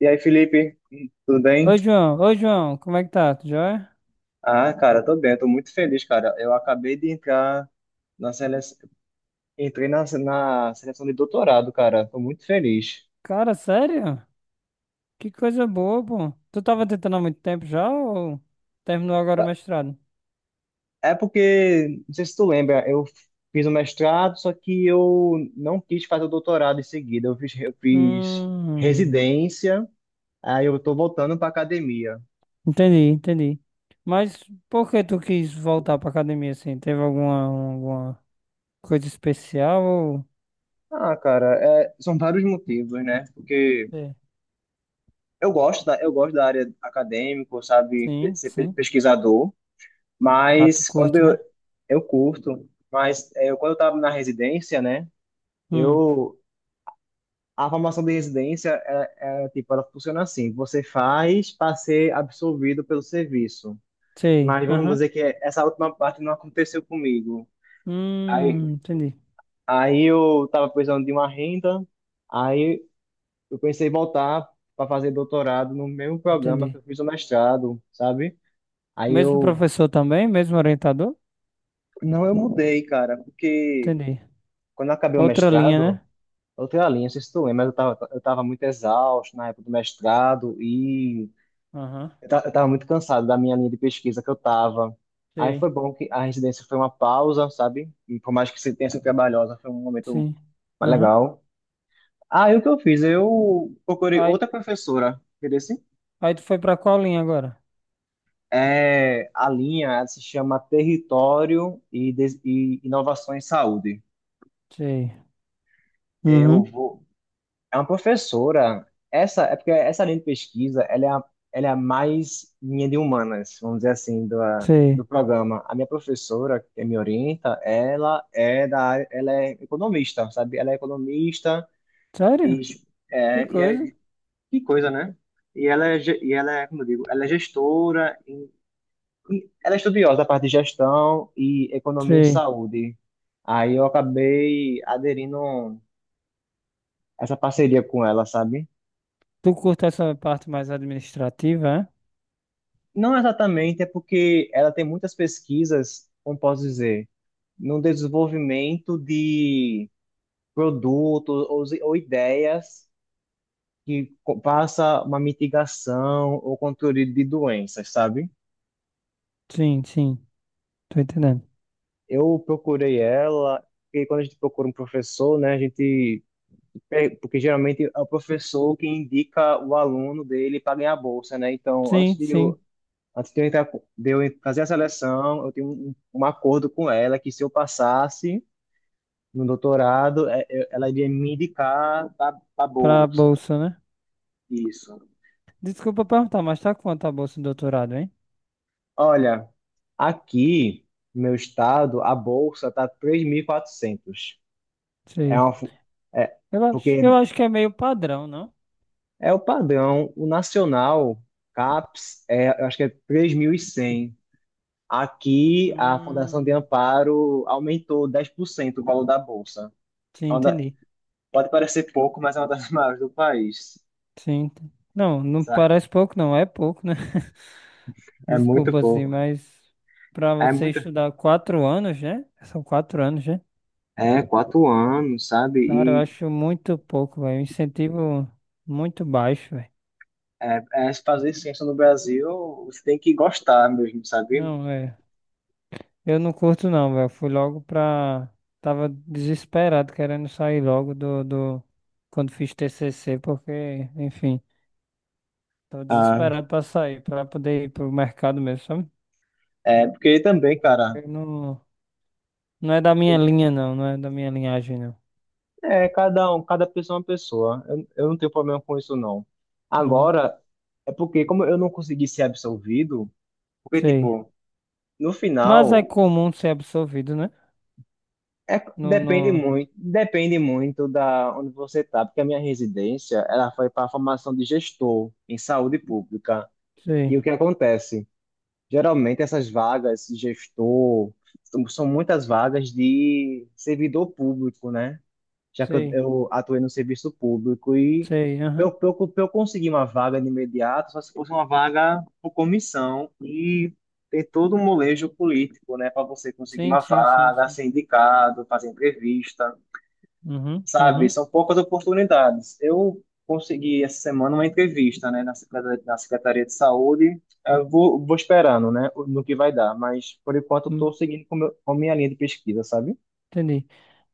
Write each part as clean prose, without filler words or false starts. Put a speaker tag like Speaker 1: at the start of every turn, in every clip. Speaker 1: E aí, Felipe, tudo bem?
Speaker 2: Oi, João. Oi, João. Como é que tá? Tu joia?
Speaker 1: Ah, cara, tô bem, tô muito feliz, cara. Eu acabei de entrar na seleção, entrei na seleção de doutorado, cara. Tô muito feliz.
Speaker 2: Cara, sério? Que coisa boa, pô. Tu tava tentando há muito tempo já ou terminou agora o mestrado?
Speaker 1: É porque, não sei se tu lembra, eu fiz o mestrado, só que eu não quis fazer o doutorado em seguida. Eu fiz
Speaker 2: Hum,
Speaker 1: residência, aí eu tô voltando pra academia.
Speaker 2: entendi, entendi. Mas por que tu quis voltar pra academia assim? Teve alguma coisa especial ou...
Speaker 1: Ah, cara, é, são vários motivos, né? Porque
Speaker 2: É.
Speaker 1: eu gosto da área acadêmica, sabe,
Speaker 2: Sim,
Speaker 1: ser
Speaker 2: sim.
Speaker 1: pesquisador.
Speaker 2: Ah, tu
Speaker 1: Mas quando
Speaker 2: curte,
Speaker 1: eu,
Speaker 2: né?
Speaker 1: eu curto, mas é, quando eu estava na residência, né?
Speaker 2: Hum,
Speaker 1: Eu A formação de residência é, tipo, ela funciona assim: você faz para ser absorvido pelo serviço.
Speaker 2: sei.
Speaker 1: Mas vamos
Speaker 2: Aham.
Speaker 1: dizer que essa última parte não aconteceu comigo. Aí,
Speaker 2: Entendi,
Speaker 1: aí eu estava precisando de uma renda, aí eu pensei em voltar para fazer doutorado no mesmo programa que
Speaker 2: entendi.
Speaker 1: eu fiz o mestrado, sabe? Aí
Speaker 2: Mesmo
Speaker 1: eu
Speaker 2: professor também? Mesmo orientador?
Speaker 1: não, eu mudei, cara, porque
Speaker 2: Entendi.
Speaker 1: quando eu acabei o
Speaker 2: Outra linha,
Speaker 1: mestrado.
Speaker 2: né?
Speaker 1: Eu tenho a linha, não sei se tu lembra, mas eu tava muito exausto na época do mestrado e
Speaker 2: Aham.
Speaker 1: eu tava muito cansado da minha linha de pesquisa que eu tava. Aí
Speaker 2: Sei,
Speaker 1: foi bom que a residência foi uma pausa, sabe? E por mais que se tenha sido trabalhosa, foi um momento
Speaker 2: sim.
Speaker 1: mais
Speaker 2: Aham.
Speaker 1: legal. Aí o que eu fiz? Eu procurei
Speaker 2: Aí,
Speaker 1: outra professora, entendeu? Assim?
Speaker 2: aí tu foi pra qual linha agora?
Speaker 1: É, a linha ela se chama Território e Inovações em Saúde.
Speaker 2: Sei.
Speaker 1: Eu
Speaker 2: Uhum.
Speaker 1: vou, É uma professora. É porque essa linha de pesquisa, ela é a mais minha de humanas, vamos dizer assim, do
Speaker 2: Sei.
Speaker 1: programa. A minha professora, que me orienta, ela é da área, ela é economista, sabe? Ela é economista. e,
Speaker 2: Sério? Que
Speaker 1: é, e
Speaker 2: coisa?
Speaker 1: é- que coisa, né? E ela é, como eu digo, ela é gestora, e ela é estudiosa da parte de gestão e economia em
Speaker 2: Sei.
Speaker 1: saúde. Aí eu acabei aderindo a essa parceria com ela, sabe?
Speaker 2: Tu curta essa parte mais administrativa, é?
Speaker 1: Não exatamente, é porque ela tem muitas pesquisas, como posso dizer, no desenvolvimento de produtos ou ideias que passa uma mitigação ou controle de doenças, sabe?
Speaker 2: Sim, sim. Tô entendendo.
Speaker 1: Eu procurei ela, porque quando a gente procura um professor, né, porque geralmente é o professor que indica o aluno dele para ganhar a bolsa, né? Então,
Speaker 2: Sim, sim.
Speaker 1: antes de eu entrar, de eu fazer a seleção, eu tenho um acordo com ela que se eu passasse no doutorado, ela iria me indicar para a
Speaker 2: Pra
Speaker 1: bolsa.
Speaker 2: bolsa, né?
Speaker 1: Isso.
Speaker 2: Desculpa perguntar, mas tá quanto a bolsa de doutorado, hein?
Speaker 1: Olha, aqui no meu estado, a bolsa está 3.400. É
Speaker 2: Sei.
Speaker 1: uma, fu- é,
Speaker 2: Eu
Speaker 1: porque
Speaker 2: acho que é meio padrão, não?
Speaker 1: é o padrão, o nacional, CAPES, é, eu acho que é 3.100. Aqui, a Fundação de
Speaker 2: Hum.
Speaker 1: Amparo aumentou 10% o valor da bolsa.
Speaker 2: Sim,
Speaker 1: É uma da-
Speaker 2: entendi.
Speaker 1: Pode parecer pouco, mas é uma das maiores do país.
Speaker 2: Sim. ent- Não, não
Speaker 1: Sabe?
Speaker 2: parece pouco, não. É pouco, né?
Speaker 1: É muito
Speaker 2: Desculpa, assim,
Speaker 1: pouco.
Speaker 2: mas pra
Speaker 1: É
Speaker 2: você
Speaker 1: muito.
Speaker 2: estudar quatro anos, né? São quatro anos, né?
Speaker 1: É, 4 anos, sabe?
Speaker 2: Cara, eu
Speaker 1: E
Speaker 2: acho muito pouco, velho. Incentivo muito baixo, velho.
Speaker 1: é, se fazer ciência no Brasil, você tem que gostar mesmo, sabe?
Speaker 2: Não, é. Eu não curto, não, velho. Fui logo pra. Tava desesperado, querendo sair logo do, do. Quando fiz TCC, porque, enfim, tava
Speaker 1: Ah,
Speaker 2: desesperado pra sair, pra poder ir pro mercado mesmo, sabe?
Speaker 1: é, porque também, cara,
Speaker 2: Eu não... Não é da minha linha, não. Não é da minha linhagem, não.
Speaker 1: é, cada pessoa é uma pessoa. Eu não tenho problema com isso, não.
Speaker 2: Uhum,
Speaker 1: Agora, é porque como eu não consegui ser absolvido, porque,
Speaker 2: sei.
Speaker 1: tipo, no
Speaker 2: Mas é
Speaker 1: final,
Speaker 2: comum ser absorvido, né?
Speaker 1: é,
Speaker 2: No, no.
Speaker 1: depende muito da onde você tá, porque a minha residência, ela foi para a formação de gestor em saúde pública.
Speaker 2: Sei,
Speaker 1: E o que acontece? Geralmente essas vagas, gestor, são muitas vagas de servidor público, né? Já que eu,
Speaker 2: sei,
Speaker 1: eu atuei no serviço público e
Speaker 2: sei.
Speaker 1: para eu,
Speaker 2: Aham.
Speaker 1: pra eu, pra eu conseguir uma vaga de imediato, só se fosse uma vaga por comissão e tem todo um molejo político, né? Para você conseguir
Speaker 2: Sim,
Speaker 1: uma
Speaker 2: sim, sim,
Speaker 1: vaga,
Speaker 2: sim.
Speaker 1: ser indicado, fazer entrevista.
Speaker 2: Uhum,
Speaker 1: Sabe,
Speaker 2: uhum.
Speaker 1: são poucas oportunidades. Eu consegui essa semana uma entrevista, né, na Secretaria de Saúde. Eu vou esperando, né, no que vai dar, mas por enquanto eu estou
Speaker 2: Hum,
Speaker 1: seguindo com minha linha de pesquisa, sabe?
Speaker 2: entendi.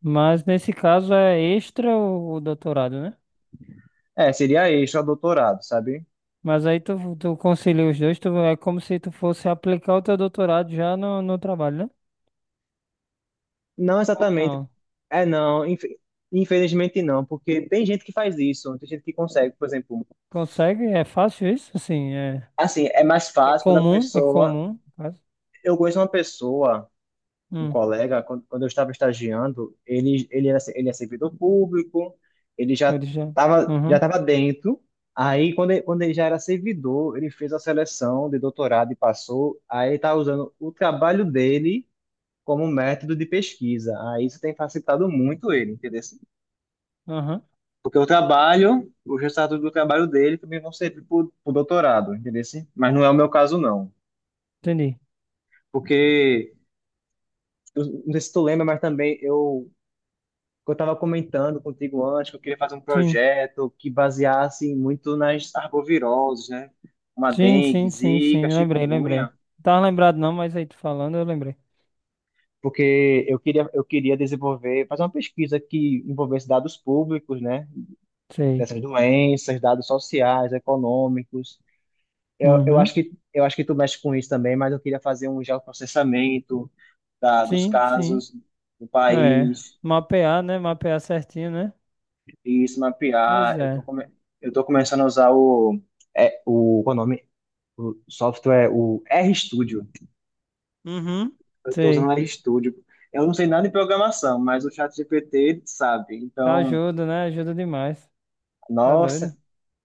Speaker 2: Mas nesse caso é extra o doutorado, né?
Speaker 1: É, seria extra doutorado, sabe?
Speaker 2: Mas aí tu, tu concilia os dois, tu, é como se tu fosse aplicar o teu doutorado já no, no trabalho, né?
Speaker 1: Não
Speaker 2: Ou
Speaker 1: exatamente.
Speaker 2: não?
Speaker 1: É, não, infelizmente não, porque tem gente que faz isso, tem gente que consegue, por exemplo.
Speaker 2: Consegue? É fácil isso? Assim, é,
Speaker 1: Assim, é mais
Speaker 2: é
Speaker 1: fácil quando a
Speaker 2: comum, é
Speaker 1: pessoa.
Speaker 2: comum. No caso
Speaker 1: Eu conheço uma pessoa. Um
Speaker 2: hum,
Speaker 1: colega, quando eu estava estagiando, ele é servidor público, ele já
Speaker 2: ele já.
Speaker 1: estava já
Speaker 2: Uhum,
Speaker 1: tava dentro. Aí, quando ele já era servidor, ele fez a seleção de doutorado e passou. Aí, ele está usando o trabalho dele como método de pesquisa. Aí, isso tem facilitado muito ele, entendeu?
Speaker 2: aham.
Speaker 1: Porque o trabalho, os resultados do trabalho dele também vão servir para o doutorado, entendeu? Mas não é o meu caso, não.
Speaker 2: Entendi.
Speaker 1: Porque, eu não sei se tu lembra, mas também eu que eu estava comentando contigo antes, que eu queria fazer um
Speaker 2: Sim,
Speaker 1: projeto que baseasse muito nas arboviroses, né? Uma
Speaker 2: sim,
Speaker 1: dengue,
Speaker 2: sim, sim,
Speaker 1: zika,
Speaker 2: sim. Lembrei, lembrei.
Speaker 1: chikungunya,
Speaker 2: Não tava lembrado não, mas aí tu falando, eu lembrei.
Speaker 1: porque eu queria desenvolver, fazer uma pesquisa que envolvesse dados públicos, né?
Speaker 2: Sei.
Speaker 1: Dessas doenças, dados sociais, econômicos. Eu, eu
Speaker 2: Uhum.
Speaker 1: acho que, eu acho que tu mexe com isso também, mas eu queria fazer um geoprocessamento dos
Speaker 2: Sim, sim.
Speaker 1: casos do
Speaker 2: É.
Speaker 1: país
Speaker 2: Mapear, né? Mapear certinho, né?
Speaker 1: e isso
Speaker 2: Pois
Speaker 1: mapear. Eu tô,
Speaker 2: é.
Speaker 1: come, eu tô começando a usar o. Qual é o nome? O software, o RStudio.
Speaker 2: Uhum.
Speaker 1: Eu estou usando o
Speaker 2: Sei.
Speaker 1: RStudio. Eu não sei nada de programação, mas o ChatGPT ele sabe. Então,
Speaker 2: Ajuda, né? Ajuda demais. Tá
Speaker 1: nossa,
Speaker 2: doido?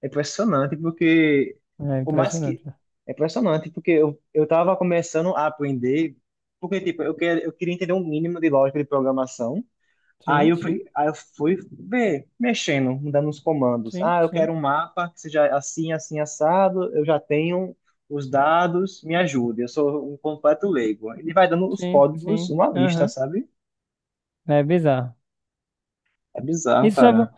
Speaker 1: é impressionante porque
Speaker 2: É
Speaker 1: o mais que
Speaker 2: impressionante, né?
Speaker 1: é impressionante porque eu estava começando a aprender, porque tipo eu queria entender um mínimo de lógica de programação. Aí
Speaker 2: Sim,
Speaker 1: eu
Speaker 2: sim,
Speaker 1: fui, aí eu fui ver, mexendo, mudando os comandos.
Speaker 2: sim,
Speaker 1: Ah, eu
Speaker 2: sim,
Speaker 1: quero um mapa que seja assim, assim, assado. Eu já tenho os dados, me ajude. Eu sou um completo leigo. Ele vai dando os
Speaker 2: sim,
Speaker 1: códigos,
Speaker 2: sim.
Speaker 1: uma lista,
Speaker 2: Aham.
Speaker 1: sabe?
Speaker 2: É bizarro.
Speaker 1: É bizarro,
Speaker 2: Isso é bom.
Speaker 1: cara.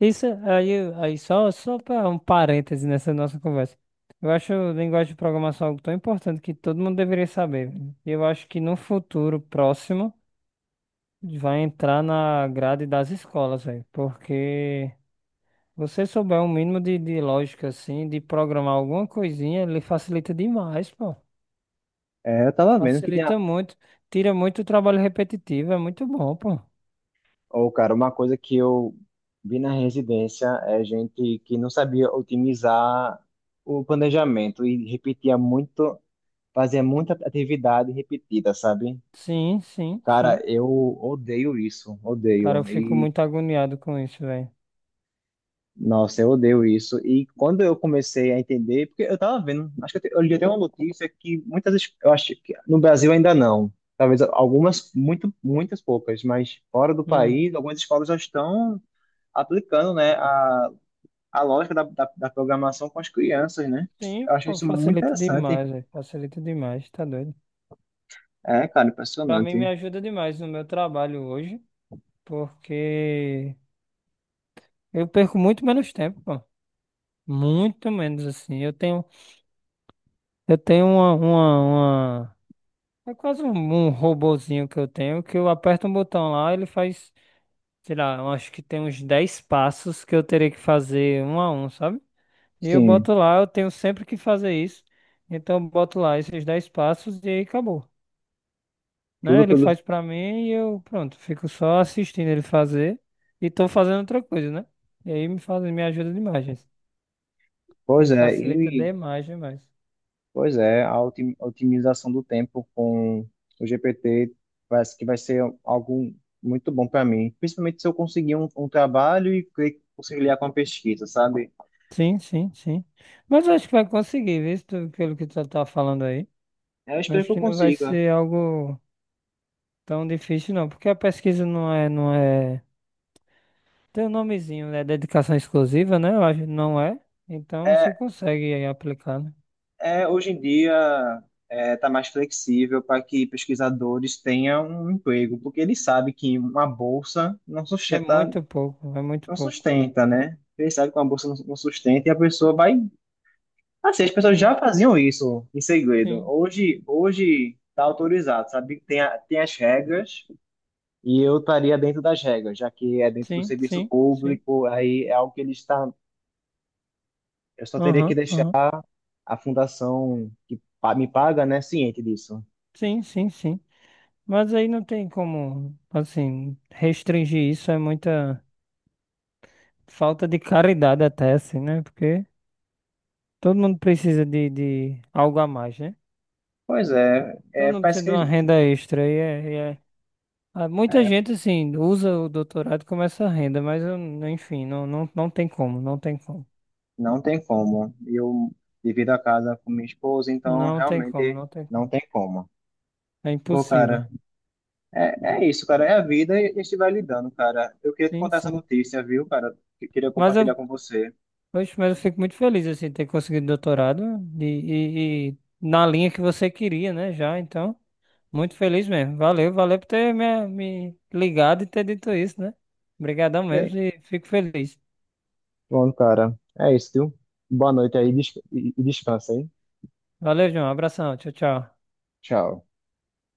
Speaker 2: Isso aí, só para um parêntese nessa nossa conversa. Eu acho a linguagem de programação algo tão importante que todo mundo deveria saber, velho. Eu acho que no futuro próximo. Vai entrar na grade das escolas, velho. Porque você souber um mínimo de lógica, assim, de programar alguma coisinha, ele facilita demais, pô.
Speaker 1: É, eu tava vendo que tem a.
Speaker 2: Facilita muito. Tira muito o trabalho repetitivo. É muito bom, pô.
Speaker 1: Ô, cara, uma coisa que eu vi na residência é gente que não sabia otimizar o planejamento e repetia muito, fazia muita atividade repetida, sabe?
Speaker 2: Sim, sim, sim.
Speaker 1: Cara, eu odeio isso,
Speaker 2: Cara, eu
Speaker 1: odeio.
Speaker 2: fico
Speaker 1: E,
Speaker 2: muito agoniado com isso, velho.
Speaker 1: nossa, eu odeio isso. E quando eu comecei a entender, porque eu tava vendo, acho que eu li até uma notícia que eu acho que no Brasil ainda não. Talvez algumas, muitas poucas, mas fora do
Speaker 2: Hum.
Speaker 1: país, algumas escolas já estão aplicando, né, a lógica da programação com as crianças, né?
Speaker 2: Sim,
Speaker 1: Eu acho
Speaker 2: pô,
Speaker 1: isso muito
Speaker 2: facilita
Speaker 1: interessante.
Speaker 2: demais, velho. Facilita demais, tá doido.
Speaker 1: É, cara,
Speaker 2: Pra mim, me
Speaker 1: impressionante.
Speaker 2: ajuda demais no meu trabalho hoje, porque eu perco muito menos tempo, pô. Muito menos assim. Eu tenho uma... É quase um, um robozinho que eu tenho, que eu aperto um botão lá, ele faz, sei lá, eu acho que tem uns 10 passos que eu terei que fazer um a um, sabe? E eu
Speaker 1: Sim,
Speaker 2: boto lá, eu tenho sempre que fazer isso. Então eu boto lá esses 10 passos e aí acabou, né?
Speaker 1: tudo
Speaker 2: Ele
Speaker 1: pelo.
Speaker 2: faz pra mim e eu, pronto, fico só assistindo ele fazer e tô fazendo outra coisa, né? E aí me faz, me ajuda demais, gente.
Speaker 1: Pois
Speaker 2: Me
Speaker 1: é,
Speaker 2: facilita
Speaker 1: e.
Speaker 2: demais, demais.
Speaker 1: Pois é, a otimização do tempo com o GPT parece que vai ser algo muito bom para mim, principalmente se eu conseguir um trabalho e conciliar com a pesquisa, sabe?
Speaker 2: Sim, sim, sim. Mas acho que vai conseguir, viu? Se tu- Pelo que tu tá falando aí.
Speaker 1: Eu espero
Speaker 2: Acho
Speaker 1: que eu
Speaker 2: que não vai
Speaker 1: consiga.
Speaker 2: ser algo tão difícil, não. Porque a pesquisa não é, não é. Tem um nomezinho, né? Dedicação exclusiva, né? Eu acho não é. Então
Speaker 1: É,
Speaker 2: você consegue aí aplicar, né?
Speaker 1: hoje em dia está mais flexível para que pesquisadores tenham um emprego, porque ele sabe que uma bolsa não
Speaker 2: É
Speaker 1: sustenta,
Speaker 2: muito pouco, é muito
Speaker 1: não
Speaker 2: pouco.
Speaker 1: sustenta, né? Ele sabe que uma bolsa não sustenta e a pessoa vai. Assim, as pessoas
Speaker 2: Sim,
Speaker 1: já faziam isso em segredo.
Speaker 2: sim,
Speaker 1: Hoje tá autorizado, sabe? Tem as regras e eu estaria dentro das regras, já que é dentro do
Speaker 2: sim,
Speaker 1: serviço
Speaker 2: sim, sim.
Speaker 1: público, aí é algo que ele está. Eu só teria que
Speaker 2: Aham,
Speaker 1: deixar
Speaker 2: aham.
Speaker 1: a fundação que me paga, né, ciente disso.
Speaker 2: Sim, sim, sim. Mas aí não tem como, assim, restringir isso. É muita falta de caridade até, assim, né? Porque. Todo mundo precisa de algo a mais, né?
Speaker 1: Pois é,
Speaker 2: Todo mundo
Speaker 1: parece
Speaker 2: precisa de uma
Speaker 1: que
Speaker 2: renda extra. Muita
Speaker 1: é,
Speaker 2: gente, assim, usa o doutorado como essa renda, mas, enfim, não, não, não tem como, não tem como.
Speaker 1: não tem como. Eu divido a casa com minha esposa, então
Speaker 2: Não tem como,
Speaker 1: realmente
Speaker 2: não tem
Speaker 1: não
Speaker 2: como.
Speaker 1: tem como.
Speaker 2: É
Speaker 1: Pô,
Speaker 2: impossível.
Speaker 1: cara. É, é isso, cara. É a vida e a gente vai lidando, cara. Eu queria te
Speaker 2: Sim,
Speaker 1: contar essa
Speaker 2: sim.
Speaker 1: notícia, viu, cara? Que queria
Speaker 2: Mas
Speaker 1: compartilhar
Speaker 2: eu,
Speaker 1: com você.
Speaker 2: oxe, mas eu fico muito feliz, assim, de ter conseguido e na linha que você queria, né, já. Então, muito feliz mesmo. Valeu, valeu por ter me, me ligado e ter dito isso, né? Obrigadão
Speaker 1: E
Speaker 2: mesmo
Speaker 1: aí?
Speaker 2: e fico feliz.
Speaker 1: Pronto, cara. É isso, viu? Boa noite aí, e descansa, hein?
Speaker 2: Valeu, João. Abração. Tchau, tchau.
Speaker 1: Tchau.